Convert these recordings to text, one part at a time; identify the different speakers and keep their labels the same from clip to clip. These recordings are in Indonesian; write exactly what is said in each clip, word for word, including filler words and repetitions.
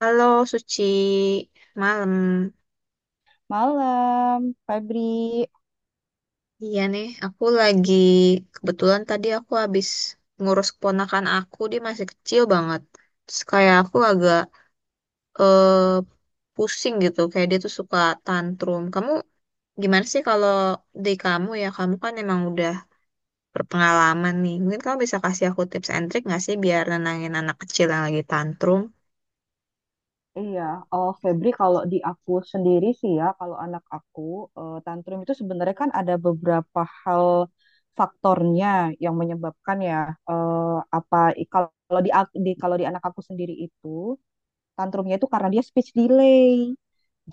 Speaker 1: Halo Suci, malam.
Speaker 2: Malam, Febri.
Speaker 1: Iya nih, aku lagi kebetulan tadi aku habis ngurus keponakan aku, dia masih kecil banget. Terus kayak aku agak eh, pusing gitu, kayak dia tuh suka tantrum. Kamu gimana sih kalau di kamu ya, kamu kan emang udah berpengalaman nih. Mungkin kamu bisa kasih aku tips and trick nggak sih biar nenangin anak kecil yang lagi tantrum?
Speaker 2: Iya, oh Febri, kalau di aku sendiri sih ya, kalau anak aku eh, tantrum itu sebenarnya kan ada beberapa hal faktornya yang menyebabkan ya, eh, apa i- kalau di, ak- di kalau di anak aku sendiri itu tantrumnya itu karena dia speech delay.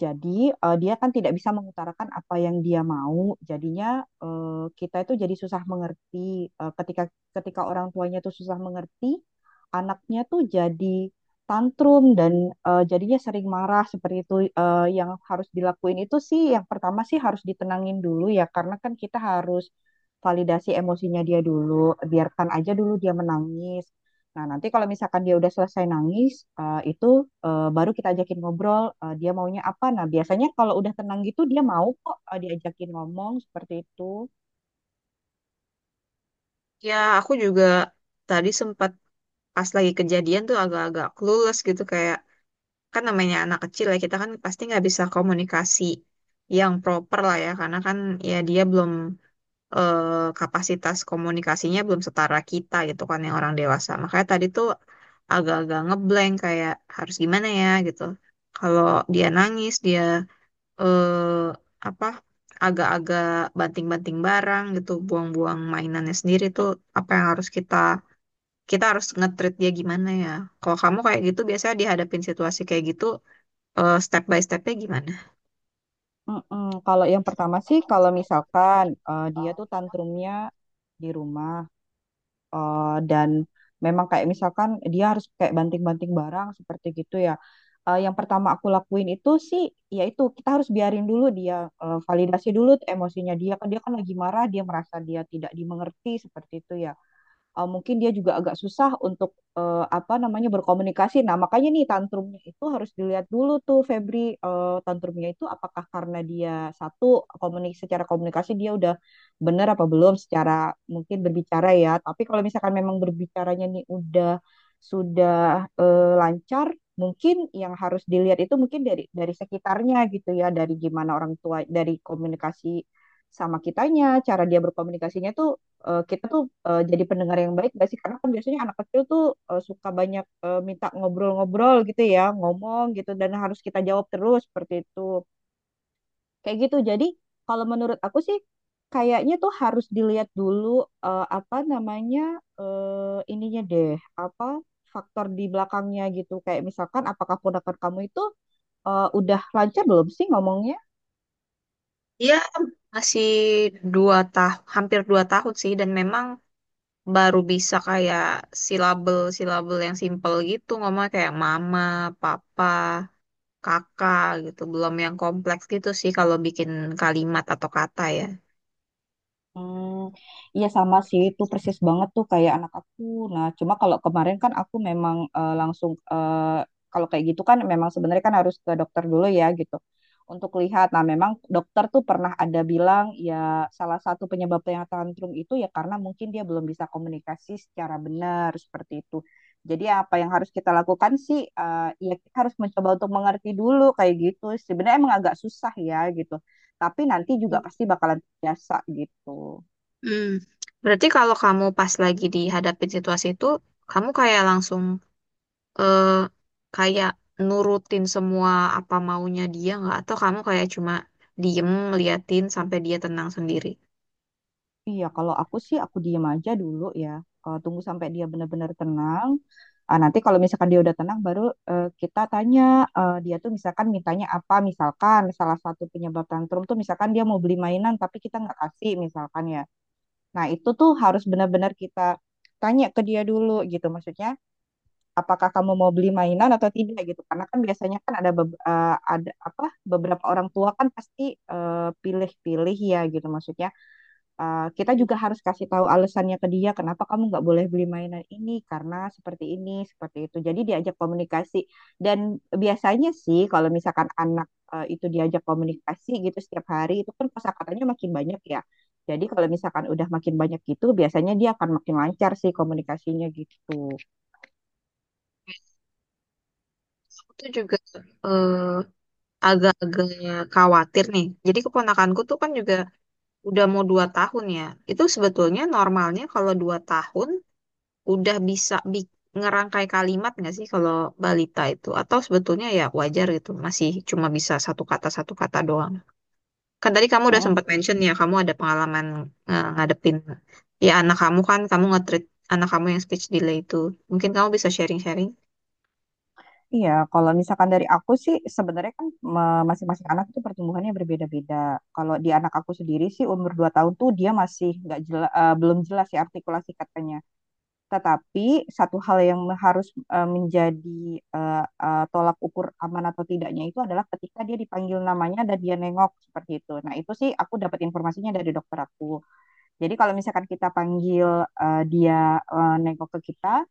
Speaker 2: Jadi eh, dia kan tidak bisa mengutarakan apa yang dia mau. Jadinya eh, kita itu jadi susah mengerti. Eh, ketika ketika orang tuanya tuh susah mengerti, anaknya tuh jadi tantrum dan eh, jadinya sering marah seperti itu. Eh, yang harus dilakuin itu sih yang pertama sih harus ditenangin dulu ya, karena kan kita harus validasi emosinya dia dulu. Biarkan aja dulu dia menangis. Nah, nanti kalau misalkan dia udah selesai nangis, eh, itu eh, baru kita ajakin ngobrol, eh, dia maunya apa. Nah, biasanya kalau udah tenang gitu, dia mau kok, eh, diajakin ngomong seperti itu.
Speaker 1: Ya, aku juga tadi sempat pas lagi kejadian tuh agak-agak clueless gitu, kayak kan namanya anak kecil ya, kita kan pasti nggak bisa komunikasi yang proper lah ya, karena kan ya dia belum, eh, kapasitas komunikasinya belum setara kita gitu kan yang orang dewasa. Makanya tadi tuh agak-agak ngeblank, kayak harus gimana ya gitu kalau dia nangis, dia eh, apa agak-agak banting-banting barang gitu, buang-buang mainannya sendiri tuh apa yang harus kita kita harus nge dia gimana ya, kalau kamu kayak gitu biasanya dihadapin situasi kayak gitu, eh, step by stepnya gimana?
Speaker 2: Mm-mm. Kalau yang pertama sih, kalau misalkan eh, dia tuh tantrumnya di rumah, Eh, dan memang kayak misalkan dia harus kayak banting-banting barang seperti gitu ya. Eh, yang pertama aku lakuin itu sih, yaitu kita harus biarin dulu dia, eh, validasi dulu tuh emosinya dia kan dia kan lagi marah, dia merasa dia tidak dimengerti seperti itu ya, eh, mungkin dia juga agak susah untuk eh, apa namanya berkomunikasi. Nah, makanya nih tantrumnya itu harus dilihat dulu tuh, Febri, eh, tantrumnya itu apakah karena dia, satu, komunik secara komunikasi dia udah benar apa belum, secara mungkin berbicara ya. Tapi kalau misalkan memang berbicaranya nih udah sudah eh, lancar. Mungkin yang harus dilihat itu mungkin dari dari sekitarnya gitu ya, dari gimana orang tua, dari komunikasi sama kitanya, cara dia berkomunikasinya tuh, eh, kita tuh eh, jadi pendengar yang baik gak sih? Karena kan biasanya anak kecil tuh eh, suka banyak eh, minta ngobrol-ngobrol gitu ya, ngomong gitu dan harus kita jawab terus seperti itu. Kayak gitu. Jadi kalau menurut aku sih kayaknya tuh harus dilihat dulu eh, apa namanya, eh, ininya deh, apa faktor di belakangnya gitu. Kayak misalkan apakah ponakan kamu itu eh, udah lancar belum sih ngomongnya?
Speaker 1: Iya, masih dua tahun, hampir dua tahun sih, dan memang baru bisa kayak silabel-silabel yang simple gitu, ngomong kayak mama, papa, kakak gitu, belum yang kompleks gitu sih kalau bikin kalimat atau kata ya.
Speaker 2: Hmm, iya sama sih itu persis banget tuh kayak anak aku. Nah, cuma kalau kemarin kan aku memang, eh, langsung, eh, kalau kayak gitu kan memang sebenarnya kan harus ke dokter dulu ya gitu untuk lihat. Nah, memang dokter tuh pernah ada bilang ya, salah satu penyebab yang tantrum itu ya karena mungkin dia belum bisa komunikasi secara benar seperti itu. Jadi apa yang harus kita lakukan sih, eh, ya kita harus mencoba untuk mengerti dulu kayak gitu. Sebenarnya emang agak susah ya gitu. Tapi nanti juga pasti bakalan biasa gitu.
Speaker 1: Hmm. Berarti kalau kamu pas lagi dihadapin situasi itu, kamu kayak langsung eh kayak nurutin semua apa maunya dia, nggak, atau kamu kayak cuma diem liatin sampai dia tenang sendiri?
Speaker 2: Iya, kalau aku sih aku diem aja dulu ya. Eh, tunggu sampai dia benar-benar tenang. Ah, nanti kalau misalkan dia udah tenang, baru eh, kita tanya eh, dia tuh misalkan mintanya apa. Misalkan salah satu penyebab tantrum tuh misalkan dia mau beli mainan tapi kita nggak kasih misalkan ya. Nah, itu tuh harus benar-benar kita tanya ke dia dulu gitu. Maksudnya apakah kamu mau beli mainan atau tidak gitu. Karena kan biasanya kan ada beb- eh, ada apa beberapa orang tua kan pasti eh, pilih-pilih ya gitu, maksudnya Uh, kita juga harus kasih tahu alasannya ke dia kenapa kamu nggak boleh beli mainan ini, karena seperti ini seperti itu, jadi diajak komunikasi. Dan biasanya sih kalau misalkan anak uh, itu diajak komunikasi gitu setiap hari, itu kan kosakatanya makin banyak ya, jadi kalau misalkan udah makin banyak gitu, biasanya dia akan makin lancar sih komunikasinya gitu.
Speaker 1: Aku tuh juga eh, agak-agak khawatir nih, jadi keponakanku tuh kan juga udah mau dua tahun ya, itu sebetulnya normalnya kalau dua tahun udah bisa bi- ngerangkai kalimat nggak sih kalau balita itu, atau sebetulnya ya wajar gitu masih cuma bisa satu kata satu kata doang? Kan tadi kamu udah sempat mention ya, kamu ada pengalaman eh, ngadepin ya anak kamu kan, kamu nge-treat anak kamu yang speech delay itu. Mungkin kamu bisa sharing-sharing.
Speaker 2: Iya, kalau misalkan dari aku sih sebenarnya kan me- masing-masing anak itu pertumbuhannya berbeda-beda. Kalau di anak aku sendiri sih umur dua tahun tuh dia masih nggak jela- eh, belum jelas ya artikulasi katanya. Tetapi satu hal yang harus eh, menjadi eh, eh, tolak ukur aman atau tidaknya itu adalah ketika dia dipanggil namanya dan dia nengok seperti itu. Nah, itu sih aku dapat informasinya dari dokter aku. Jadi kalau misalkan kita panggil eh, dia eh, nengok ke kita,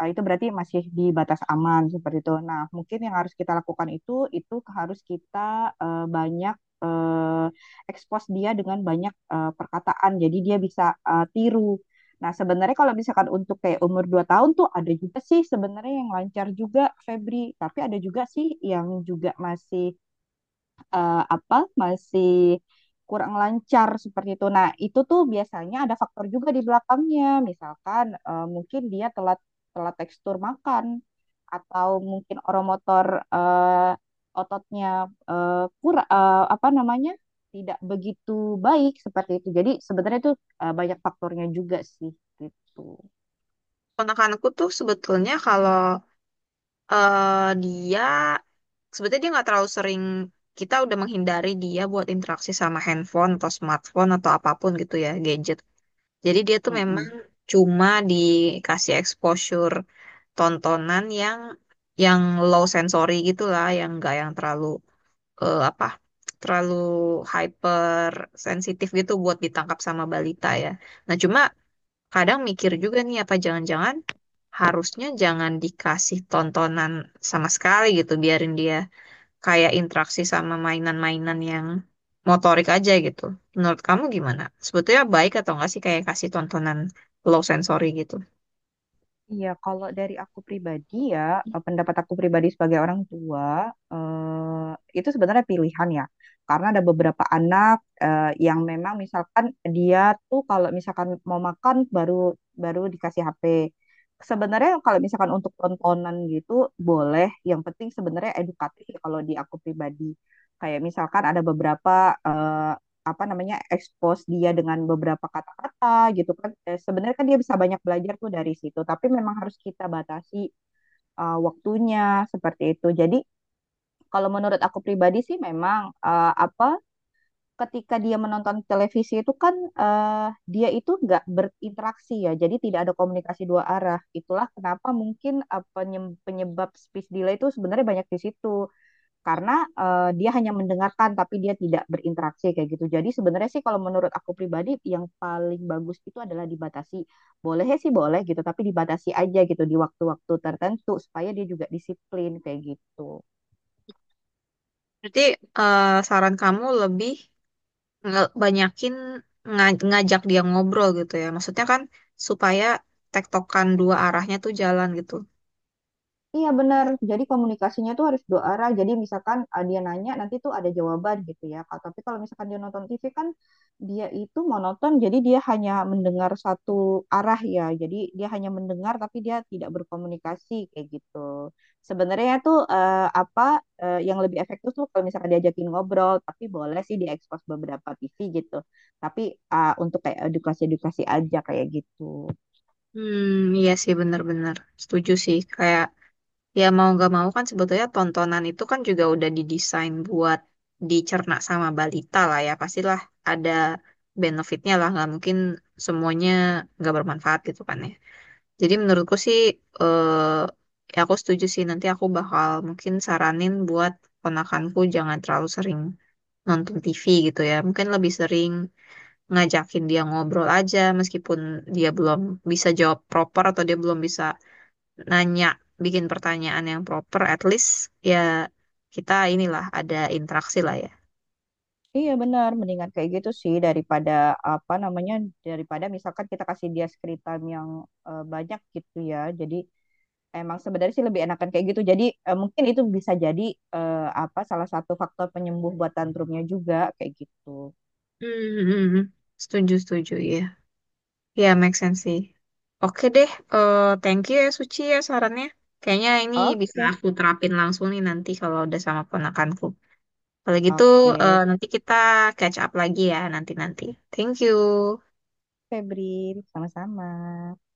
Speaker 2: ah, itu berarti masih di batas aman seperti itu. Nah, mungkin yang harus kita lakukan itu, itu harus kita eh, banyak eh, expose dia dengan banyak eh, perkataan. Jadi dia bisa eh, tiru. Nah, sebenarnya kalau misalkan untuk kayak umur dua tahun tuh ada juga sih sebenarnya yang lancar juga, Febri. Tapi ada juga sih yang juga masih eh, apa, masih kurang lancar seperti itu. Nah, itu tuh biasanya ada faktor juga di belakangnya. Misalkan eh, mungkin dia telat telat tekstur makan, atau mungkin oromotor, eh, ototnya eh, kurang, eh, apa namanya, tidak begitu baik seperti itu. Jadi sebenarnya itu eh, banyak faktornya juga sih gitu.
Speaker 1: Ponakanku tuh sebetulnya kalau eh, dia sebetulnya dia nggak terlalu sering, kita udah menghindari dia buat interaksi sama handphone atau smartphone atau apapun gitu ya, gadget. Jadi dia tuh memang
Speaker 2: Mm-mm.
Speaker 1: cuma dikasih exposure tontonan yang yang low sensory gitulah, yang nggak yang terlalu eh, apa terlalu hyper sensitif gitu buat ditangkap sama balita ya. Nah, cuma kadang mikir juga nih, apa jangan-jangan harusnya jangan dikasih tontonan sama sekali gitu, biarin dia kayak interaksi sama mainan-mainan yang motorik aja gitu. Menurut kamu gimana? Sebetulnya baik atau enggak sih kayak kasih tontonan low sensory gitu?
Speaker 2: Iya, kalau dari aku pribadi ya, eh, pendapat aku pribadi sebagai orang tua, eh, itu sebenarnya pilihan ya. Karena ada beberapa anak eh, yang memang misalkan dia tuh kalau misalkan mau makan, baru baru dikasih H P. Sebenarnya kalau misalkan untuk tontonan gitu boleh, yang penting sebenarnya edukatif ya kalau di aku pribadi. Kayak misalkan ada beberapa eh, apa namanya, expose dia dengan beberapa kata-kata gitu kan. Eh, sebenarnya kan dia bisa banyak belajar tuh dari situ, tapi memang harus kita batasi eh, waktunya seperti itu. Jadi kalau menurut aku pribadi sih memang, eh, apa, ketika dia menonton televisi itu kan eh, dia itu nggak berinteraksi ya, jadi tidak ada komunikasi dua arah. Itulah kenapa mungkin eh, penyebab speech delay itu sebenarnya banyak di situ, karena eh, dia hanya mendengarkan tapi dia tidak berinteraksi kayak gitu. Jadi sebenarnya sih kalau menurut aku pribadi yang paling bagus itu adalah dibatasi. Boleh sih boleh gitu, tapi dibatasi aja gitu di waktu-waktu tertentu supaya dia juga disiplin kayak gitu.
Speaker 1: Berarti eh, saran kamu lebih nge- banyakin nga- ngajak dia ngobrol gitu ya. Maksudnya kan supaya tektokan dua arahnya tuh jalan gitu.
Speaker 2: Iya, benar. Jadi komunikasinya tuh harus dua arah. Jadi misalkan, ah, dia nanya nanti tuh ada jawaban gitu ya. Kak. Tapi kalau misalkan dia nonton T V kan dia itu monoton. Jadi dia hanya mendengar satu arah ya. Jadi dia hanya mendengar tapi dia tidak berkomunikasi kayak gitu. Sebenarnya tuh eh, apa, eh, yang lebih efektif tuh kalau misalkan diajakin ngobrol. Tapi boleh sih diekspos beberapa T V gitu. Tapi ah, untuk kayak edukasi-edukasi aja kayak gitu.
Speaker 1: Hmm, iya sih, bener-bener. Setuju sih. Kayak ya mau nggak mau kan sebetulnya tontonan itu kan juga udah didesain buat dicerna sama balita lah ya. Pastilah ada benefitnya lah. Nggak mungkin semuanya nggak bermanfaat gitu kan ya. Jadi menurutku sih eh, ya aku setuju sih, nanti aku bakal mungkin saranin buat ponakanku jangan terlalu sering nonton T V gitu ya. Mungkin lebih sering ngajakin dia ngobrol aja, meskipun dia belum bisa jawab proper atau dia belum bisa nanya, bikin pertanyaan yang proper, at least ya kita inilah ada interaksi lah ya.
Speaker 2: Iya, benar, mendingan kayak gitu sih daripada apa namanya, daripada misalkan kita kasih dia screen time yang eh, banyak gitu ya. Jadi emang sebenarnya sih lebih enakan kayak gitu. Jadi eh, mungkin itu bisa jadi eh, apa salah satu faktor penyembuh buat tantrumnya juga kayak gitu.
Speaker 1: Hmm, hmm, hmm. Setuju, setuju ya. Ya make sense sih. Oke deh, eh, thank you ya Suci ya sarannya. Kayaknya ini bisa
Speaker 2: Oke,
Speaker 1: aku terapin langsung nih nanti kalau udah sama ponakanku. Kalau gitu, eh,
Speaker 2: oke,
Speaker 1: nanti kita catch up lagi ya nanti-nanti. Thank you.
Speaker 2: Febri, sama-sama.